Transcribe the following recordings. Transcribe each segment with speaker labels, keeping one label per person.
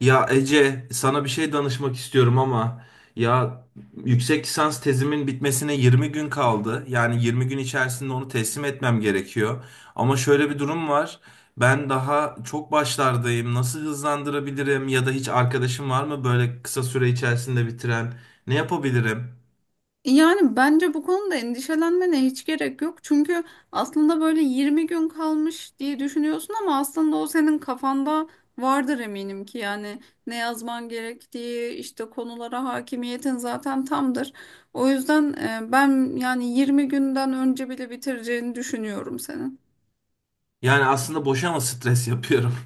Speaker 1: Ya Ece, sana bir şey danışmak istiyorum ama ya yüksek lisans tezimin bitmesine 20 gün kaldı. Yani 20 gün içerisinde onu teslim etmem gerekiyor. Ama şöyle bir durum var. Ben daha çok başlardayım. Nasıl hızlandırabilirim ya da hiç arkadaşım var mı böyle kısa süre içerisinde bitiren? Ne yapabilirim?
Speaker 2: Yani bence bu konuda endişelenmene hiç gerek yok. Çünkü aslında böyle 20 gün kalmış diye düşünüyorsun, ama aslında o senin kafanda vardır eminim ki yani ne yazman gerektiği işte, konulara hakimiyetin zaten tamdır. O yüzden ben yani 20 günden önce bile bitireceğini düşünüyorum senin.
Speaker 1: Yani aslında boşa mı stres yapıyorum?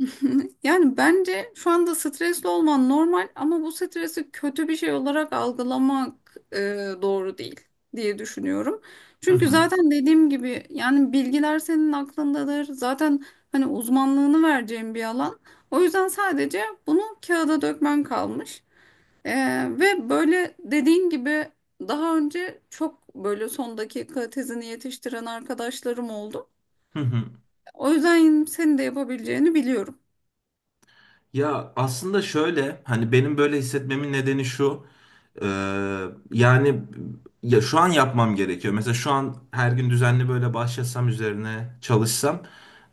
Speaker 2: Yani bence şu anda stresli olman normal, ama bu stresi kötü bir şey olarak algılamak doğru değil diye düşünüyorum.
Speaker 1: Hı
Speaker 2: Çünkü
Speaker 1: hı.
Speaker 2: zaten dediğim gibi yani bilgiler senin aklındadır. Zaten hani uzmanlığını vereceğin bir alan. O yüzden sadece bunu kağıda dökmen kalmış. E, Ve böyle dediğin gibi daha önce çok böyle son dakika tezini yetiştiren arkadaşlarım oldu.
Speaker 1: Hı hı.
Speaker 2: O yüzden senin de yapabileceğini biliyorum.
Speaker 1: Ya aslında şöyle hani benim böyle hissetmemin nedeni şu, e, yani ya şu an yapmam gerekiyor. Mesela şu an her gün düzenli böyle başlasam üzerine çalışsam,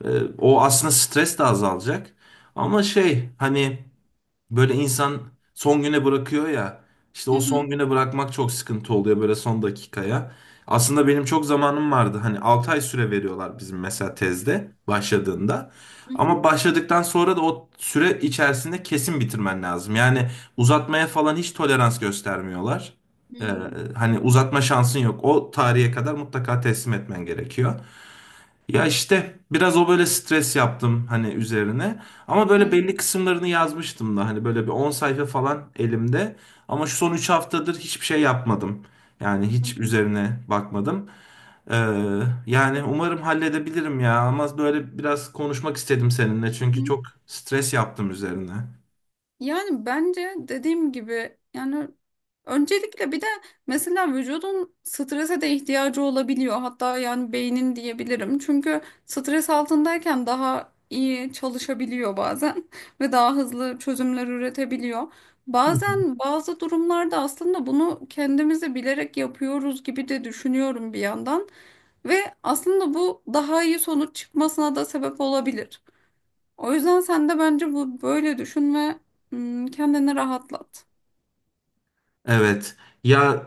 Speaker 1: e, o aslında stres de azalacak. Ama şey hani böyle insan son güne bırakıyor ya. İşte
Speaker 2: Hı
Speaker 1: o
Speaker 2: hı.
Speaker 1: son güne bırakmak çok sıkıntı oluyor, böyle son dakikaya. Aslında benim çok zamanım vardı. Hani 6 ay süre veriyorlar bizim mesela tezde başladığında. Ama başladıktan sonra da o süre içerisinde kesin bitirmen lazım. Yani uzatmaya falan hiç tolerans göstermiyorlar. Ee,
Speaker 2: Hmm,
Speaker 1: hani uzatma şansın yok. O tarihe kadar mutlaka teslim etmen gerekiyor. Ya işte biraz o böyle stres yaptım hani üzerine. Ama böyle belli
Speaker 2: anladım.
Speaker 1: kısımlarını yazmıştım da hani böyle bir 10 sayfa falan elimde. Ama şu son 3 haftadır hiçbir şey yapmadım. Yani
Speaker 2: Hı
Speaker 1: hiç
Speaker 2: hı.
Speaker 1: üzerine bakmadım. Ee, yani umarım halledebilirim ya. Ama böyle biraz konuşmak istedim seninle
Speaker 2: Hı
Speaker 1: çünkü
Speaker 2: hı.
Speaker 1: çok stres yaptım üzerine.
Speaker 2: Yani bence dediğim gibi yani öncelikle bir de mesela vücudun strese de ihtiyacı olabiliyor. Hatta yani beynin diyebilirim. Çünkü stres altındayken daha iyi çalışabiliyor bazen ve daha hızlı çözümler üretebiliyor.
Speaker 1: Hı.
Speaker 2: Bazen bazı durumlarda aslında bunu kendimizi bilerek yapıyoruz gibi de düşünüyorum bir yandan, ve aslında bu daha iyi sonuç çıkmasına da sebep olabilir. O yüzden sen de bence bu böyle düşün ve hmm, kendini rahatlat.
Speaker 1: Evet. Ya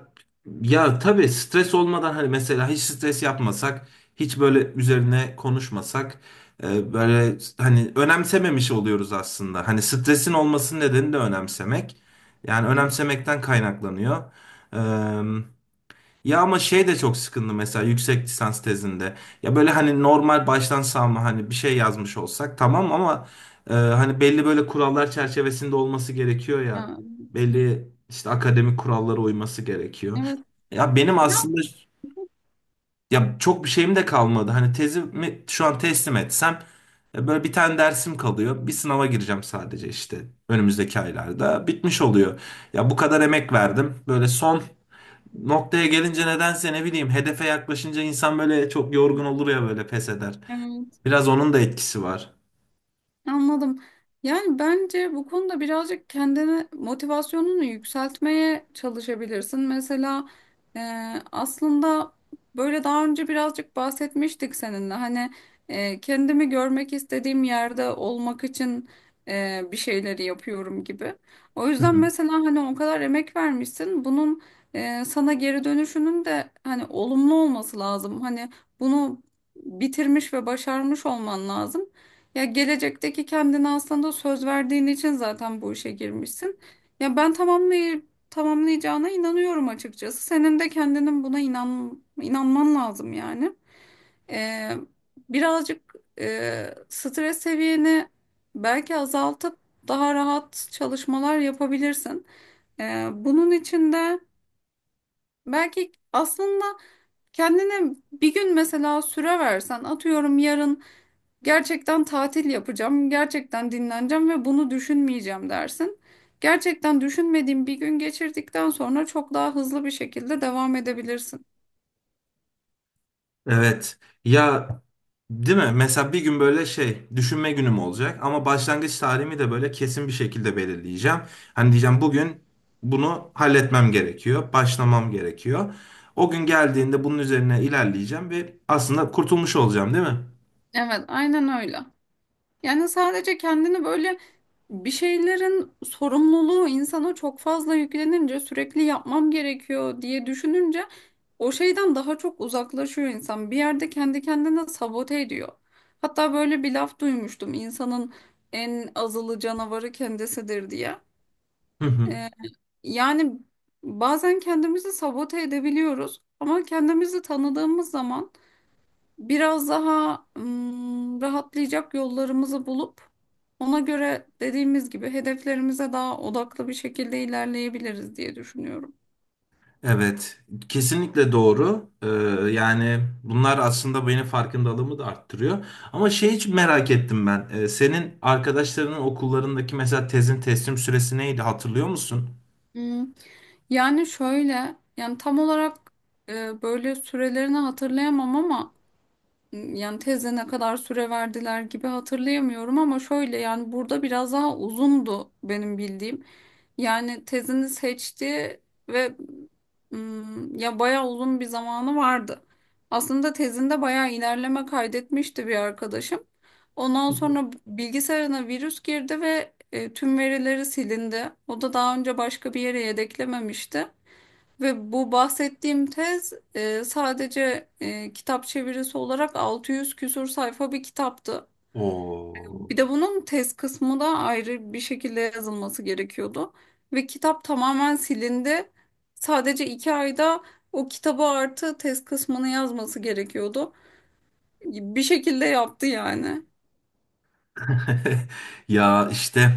Speaker 1: ya tabii stres olmadan hani mesela hiç stres yapmasak, hiç böyle üzerine konuşmasak, böyle hani önemsememiş oluyoruz aslında. Hani stresin olmasının nedeni de önemsemek. Yani önemsemekten kaynaklanıyor. Ya ama şey de çok sıkıntı mesela yüksek lisans tezinde. Ya böyle hani normal baştan savma hani bir şey yazmış olsak tamam, ama hani belli böyle kurallar çerçevesinde olması gerekiyor ya.
Speaker 2: Ya,
Speaker 1: Belli işte akademik kurallara uyması gerekiyor.
Speaker 2: evet.
Speaker 1: Ya benim aslında ya çok bir şeyim de kalmadı. Hani tezimi şu an teslim etsem, böyle bir tane dersim kalıyor. Bir sınava gireceğim sadece işte önümüzdeki aylarda. Bitmiş oluyor. Ya bu kadar emek verdim. Böyle son noktaya gelince nedense, ne bileyim, hedefe yaklaşınca insan böyle çok yorgun olur ya, böyle pes eder.
Speaker 2: Ya.
Speaker 1: Biraz onun da etkisi var.
Speaker 2: Anladım. Yani bence bu konuda birazcık kendini, motivasyonunu yükseltmeye çalışabilirsin. Mesela e, aslında böyle daha önce birazcık bahsetmiştik seninle. Hani kendimi görmek istediğim yerde olmak için bir şeyleri yapıyorum gibi. O
Speaker 1: Hı
Speaker 2: yüzden
Speaker 1: hı.
Speaker 2: mesela hani o kadar emek vermişsin. Bunun sana geri dönüşünün de hani olumlu olması lazım. Hani bunu bitirmiş ve başarmış olman lazım. Ya gelecekteki kendine aslında söz verdiğin için zaten bu işe girmişsin. Ya ben tamamlay tamamlayacağına inanıyorum açıkçası. Senin de kendinin buna inanman lazım yani. Ee, Birazcık stres seviyeni belki azaltıp daha rahat çalışmalar yapabilirsin. Bunun için de belki aslında kendine bir gün mesela süre versen, atıyorum yarın gerçekten tatil yapacağım, gerçekten dinleneceğim ve bunu düşünmeyeceğim dersin. Gerçekten düşünmediğin bir gün geçirdikten sonra çok daha hızlı bir şekilde devam edebilirsin.
Speaker 1: Evet. Ya, değil mi? Mesela bir gün böyle şey düşünme günüm olacak ama başlangıç tarihimi de böyle kesin bir şekilde belirleyeceğim. Hani diyeceğim bugün bunu halletmem gerekiyor, başlamam gerekiyor. O gün geldiğinde bunun üzerine ilerleyeceğim ve aslında kurtulmuş olacağım, değil mi?
Speaker 2: Evet, aynen öyle. Yani sadece kendini böyle, bir şeylerin sorumluluğu insana çok fazla yüklenince sürekli yapmam gerekiyor diye düşününce o şeyden daha çok uzaklaşıyor insan. Bir yerde kendi kendine sabote ediyor. Hatta böyle bir laf duymuştum, insanın en azılı canavarı kendisidir diye.
Speaker 1: Hı hı.
Speaker 2: Ee, Yani bazen kendimizi sabote edebiliyoruz, ama kendimizi tanıdığımız zaman biraz daha rahatlayacak yollarımızı bulup ona göre dediğimiz gibi hedeflerimize daha odaklı bir şekilde ilerleyebiliriz diye düşünüyorum.
Speaker 1: Evet, kesinlikle doğru. Yani bunlar aslında benim farkındalığımı da arttırıyor. Ama şey, hiç merak ettim ben. Senin arkadaşlarının okullarındaki mesela tezin teslim süresi neydi, hatırlıyor musun?
Speaker 2: Hmm. Yani şöyle, yani tam olarak böyle sürelerini hatırlayamam, ama yani teze ne kadar süre verdiler gibi hatırlayamıyorum, ama şöyle yani burada biraz daha uzundu benim bildiğim. Yani tezini seçti ve mm, ya bayağı uzun bir zamanı vardı. Aslında tezinde bayağı ilerleme kaydetmişti bir arkadaşım. Ondan sonra bilgisayarına virüs girdi ve tüm verileri silindi. O da daha önce başka bir yere yedeklememişti. Ve bu bahsettiğim tez sadece kitap çevirisi olarak 600 küsur sayfa bir kitaptı.
Speaker 1: Oo.
Speaker 2: Bir de bunun tez kısmı da ayrı bir şekilde yazılması gerekiyordu. Ve kitap tamamen silindi. Sadece 2 ayda o kitabı artı tez kısmını yazması gerekiyordu. Bir şekilde yaptı yani.
Speaker 1: Ya işte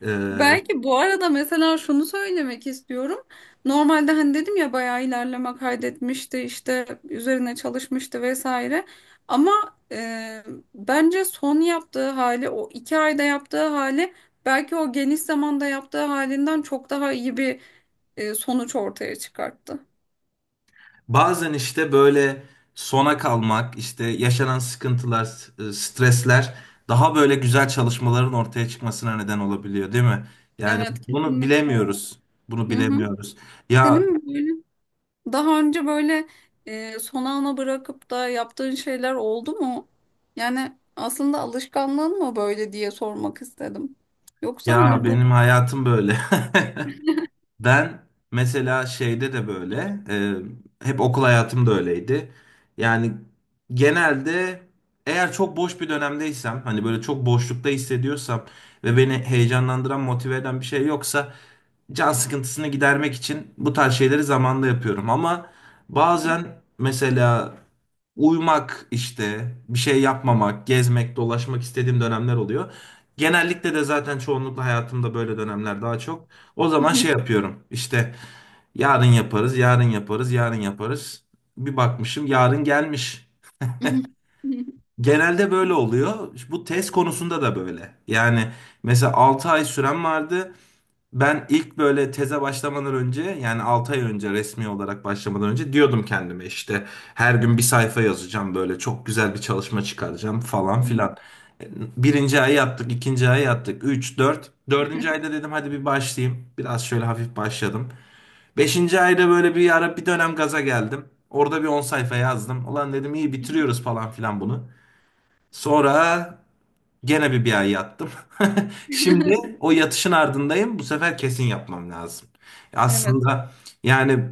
Speaker 1: e,
Speaker 2: Belki bu arada mesela şunu söylemek istiyorum. Normalde hani dedim ya, bayağı ilerleme kaydetmişti, işte üzerine çalışmıştı vesaire. Ama e, bence son yaptığı hali, o 2 ayda yaptığı hali, belki o geniş zamanda yaptığı halinden çok daha iyi bir sonuç ortaya çıkarttı.
Speaker 1: bazen işte böyle sona kalmak, işte yaşanan sıkıntılar, stresler daha böyle güzel çalışmaların ortaya çıkmasına neden olabiliyor, değil mi? Yani
Speaker 2: Evet,
Speaker 1: bunu
Speaker 2: kesinlikle.
Speaker 1: bilemiyoruz. Bunu
Speaker 2: Hı hı.
Speaker 1: bilemiyoruz. Ya
Speaker 2: Senin mi böyle? Daha önce böyle son ana bırakıp da yaptığın şeyler oldu mu? Yani aslında alışkanlığın mı böyle diye sormak istedim. Yoksa
Speaker 1: ya
Speaker 2: hani bu...
Speaker 1: benim hayatım böyle. Ben mesela şeyde de böyle, hep okul hayatım da öyleydi. Yani genelde eğer çok boş bir dönemdeysem, hani böyle çok boşlukta hissediyorsam ve beni heyecanlandıran, motive eden bir şey yoksa can sıkıntısını gidermek için bu tarz şeyleri zamanla yapıyorum. Ama bazen mesela uyumak işte, bir şey yapmamak, gezmek, dolaşmak istediğim dönemler oluyor. Genellikle de zaten çoğunlukla hayatımda böyle dönemler daha çok. O zaman şey yapıyorum. İşte yarın yaparız, yarın yaparız, yarın yaparız. Bir bakmışım yarın gelmiş. Genelde böyle oluyor. Bu test konusunda da böyle. Yani mesela 6 ay süren vardı. Ben ilk böyle teze başlamadan önce, yani 6 ay önce resmi olarak başlamadan önce diyordum kendime, işte her gün bir sayfa yazacağım, böyle çok güzel bir çalışma çıkaracağım falan filan. Birinci ay yaptık, ikinci ay yaptık, 3 4 dördüncü ayda dedim hadi bir başlayayım. Biraz şöyle hafif başladım. Beşinci ayda böyle bir ara bir dönem gaza geldim. Orada bir 10 sayfa yazdım. Ulan dedim iyi bitiriyoruz falan filan bunu. Sonra gene bir ay yattım. Şimdi o yatışın ardındayım. Bu sefer kesin yapmam lazım. Aslında yani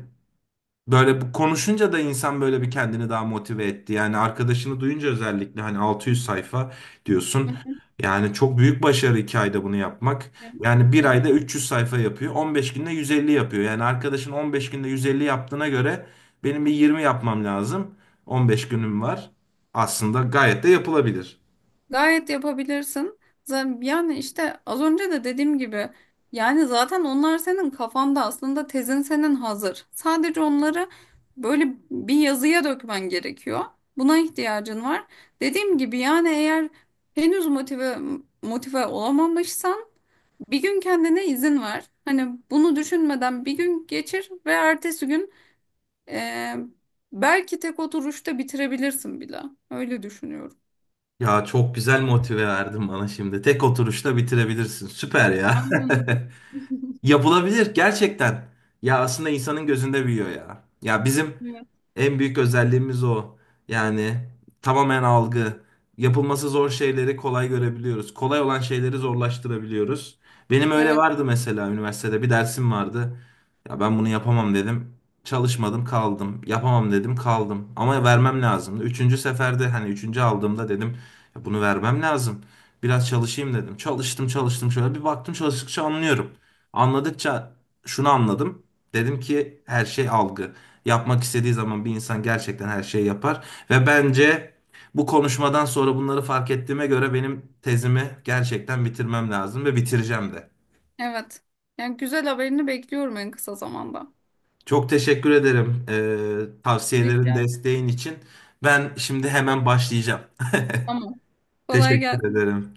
Speaker 1: böyle bu konuşunca da insan böyle bir kendini daha motive etti. Yani arkadaşını duyunca, özellikle hani 600 sayfa diyorsun.
Speaker 2: Evet.
Speaker 1: Yani çok büyük başarı 2 ayda bunu yapmak. Yani bir ayda 300 sayfa yapıyor. 15 günde 150 yapıyor. Yani arkadaşın 15 günde 150 yaptığına göre benim bir 20 yapmam lazım. 15 günüm var. Aslında gayet de yapılabilir.
Speaker 2: Gayet yapabilirsin. Yani işte az önce de dediğim gibi yani zaten onlar senin kafanda, aslında tezin senin hazır. Sadece onları böyle bir yazıya dökmen gerekiyor. Buna ihtiyacın var. Dediğim gibi yani, eğer henüz motive olamamışsan bir gün kendine izin ver. Hani bunu düşünmeden bir gün geçir ve ertesi gün eee, belki tek oturuşta bitirebilirsin bile. Öyle düşünüyorum.
Speaker 1: Ya çok güzel motive verdin bana şimdi. Tek oturuşta bitirebilirsin. Süper ya.
Speaker 2: Aynen.
Speaker 1: Yapılabilir gerçekten. Ya aslında insanın gözünde büyüyor ya. Ya bizim en büyük özelliğimiz o. Yani tamamen algı. Yapılması zor şeyleri kolay görebiliyoruz. Kolay olan şeyleri zorlaştırabiliyoruz. Benim öyle
Speaker 2: Evet,
Speaker 1: vardı, mesela üniversitede bir dersim vardı. Ya ben bunu yapamam dedim. Çalışmadım kaldım. Yapamam dedim, kaldım. Ama vermem lazımdı. Üçüncü seferde, hani üçüncü aldığımda dedim ya bunu vermem lazım. Biraz çalışayım dedim. Çalıştım çalıştım, şöyle bir baktım, çalıştıkça anlıyorum. Anladıkça şunu anladım. Dedim ki her şey algı. Yapmak istediği zaman bir insan gerçekten her şeyi yapar. Ve bence bu konuşmadan sonra bunları fark ettiğime göre benim tezimi gerçekten bitirmem lazım ve bitireceğim de.
Speaker 2: evet. Yani güzel haberini bekliyorum en kısa zamanda.
Speaker 1: Çok teşekkür ederim
Speaker 2: Evet,
Speaker 1: tavsiyelerin,
Speaker 2: yani.
Speaker 1: desteğin için. Ben şimdi hemen başlayacağım.
Speaker 2: Tamam. Kolay
Speaker 1: Teşekkür
Speaker 2: gelsin.
Speaker 1: ederim.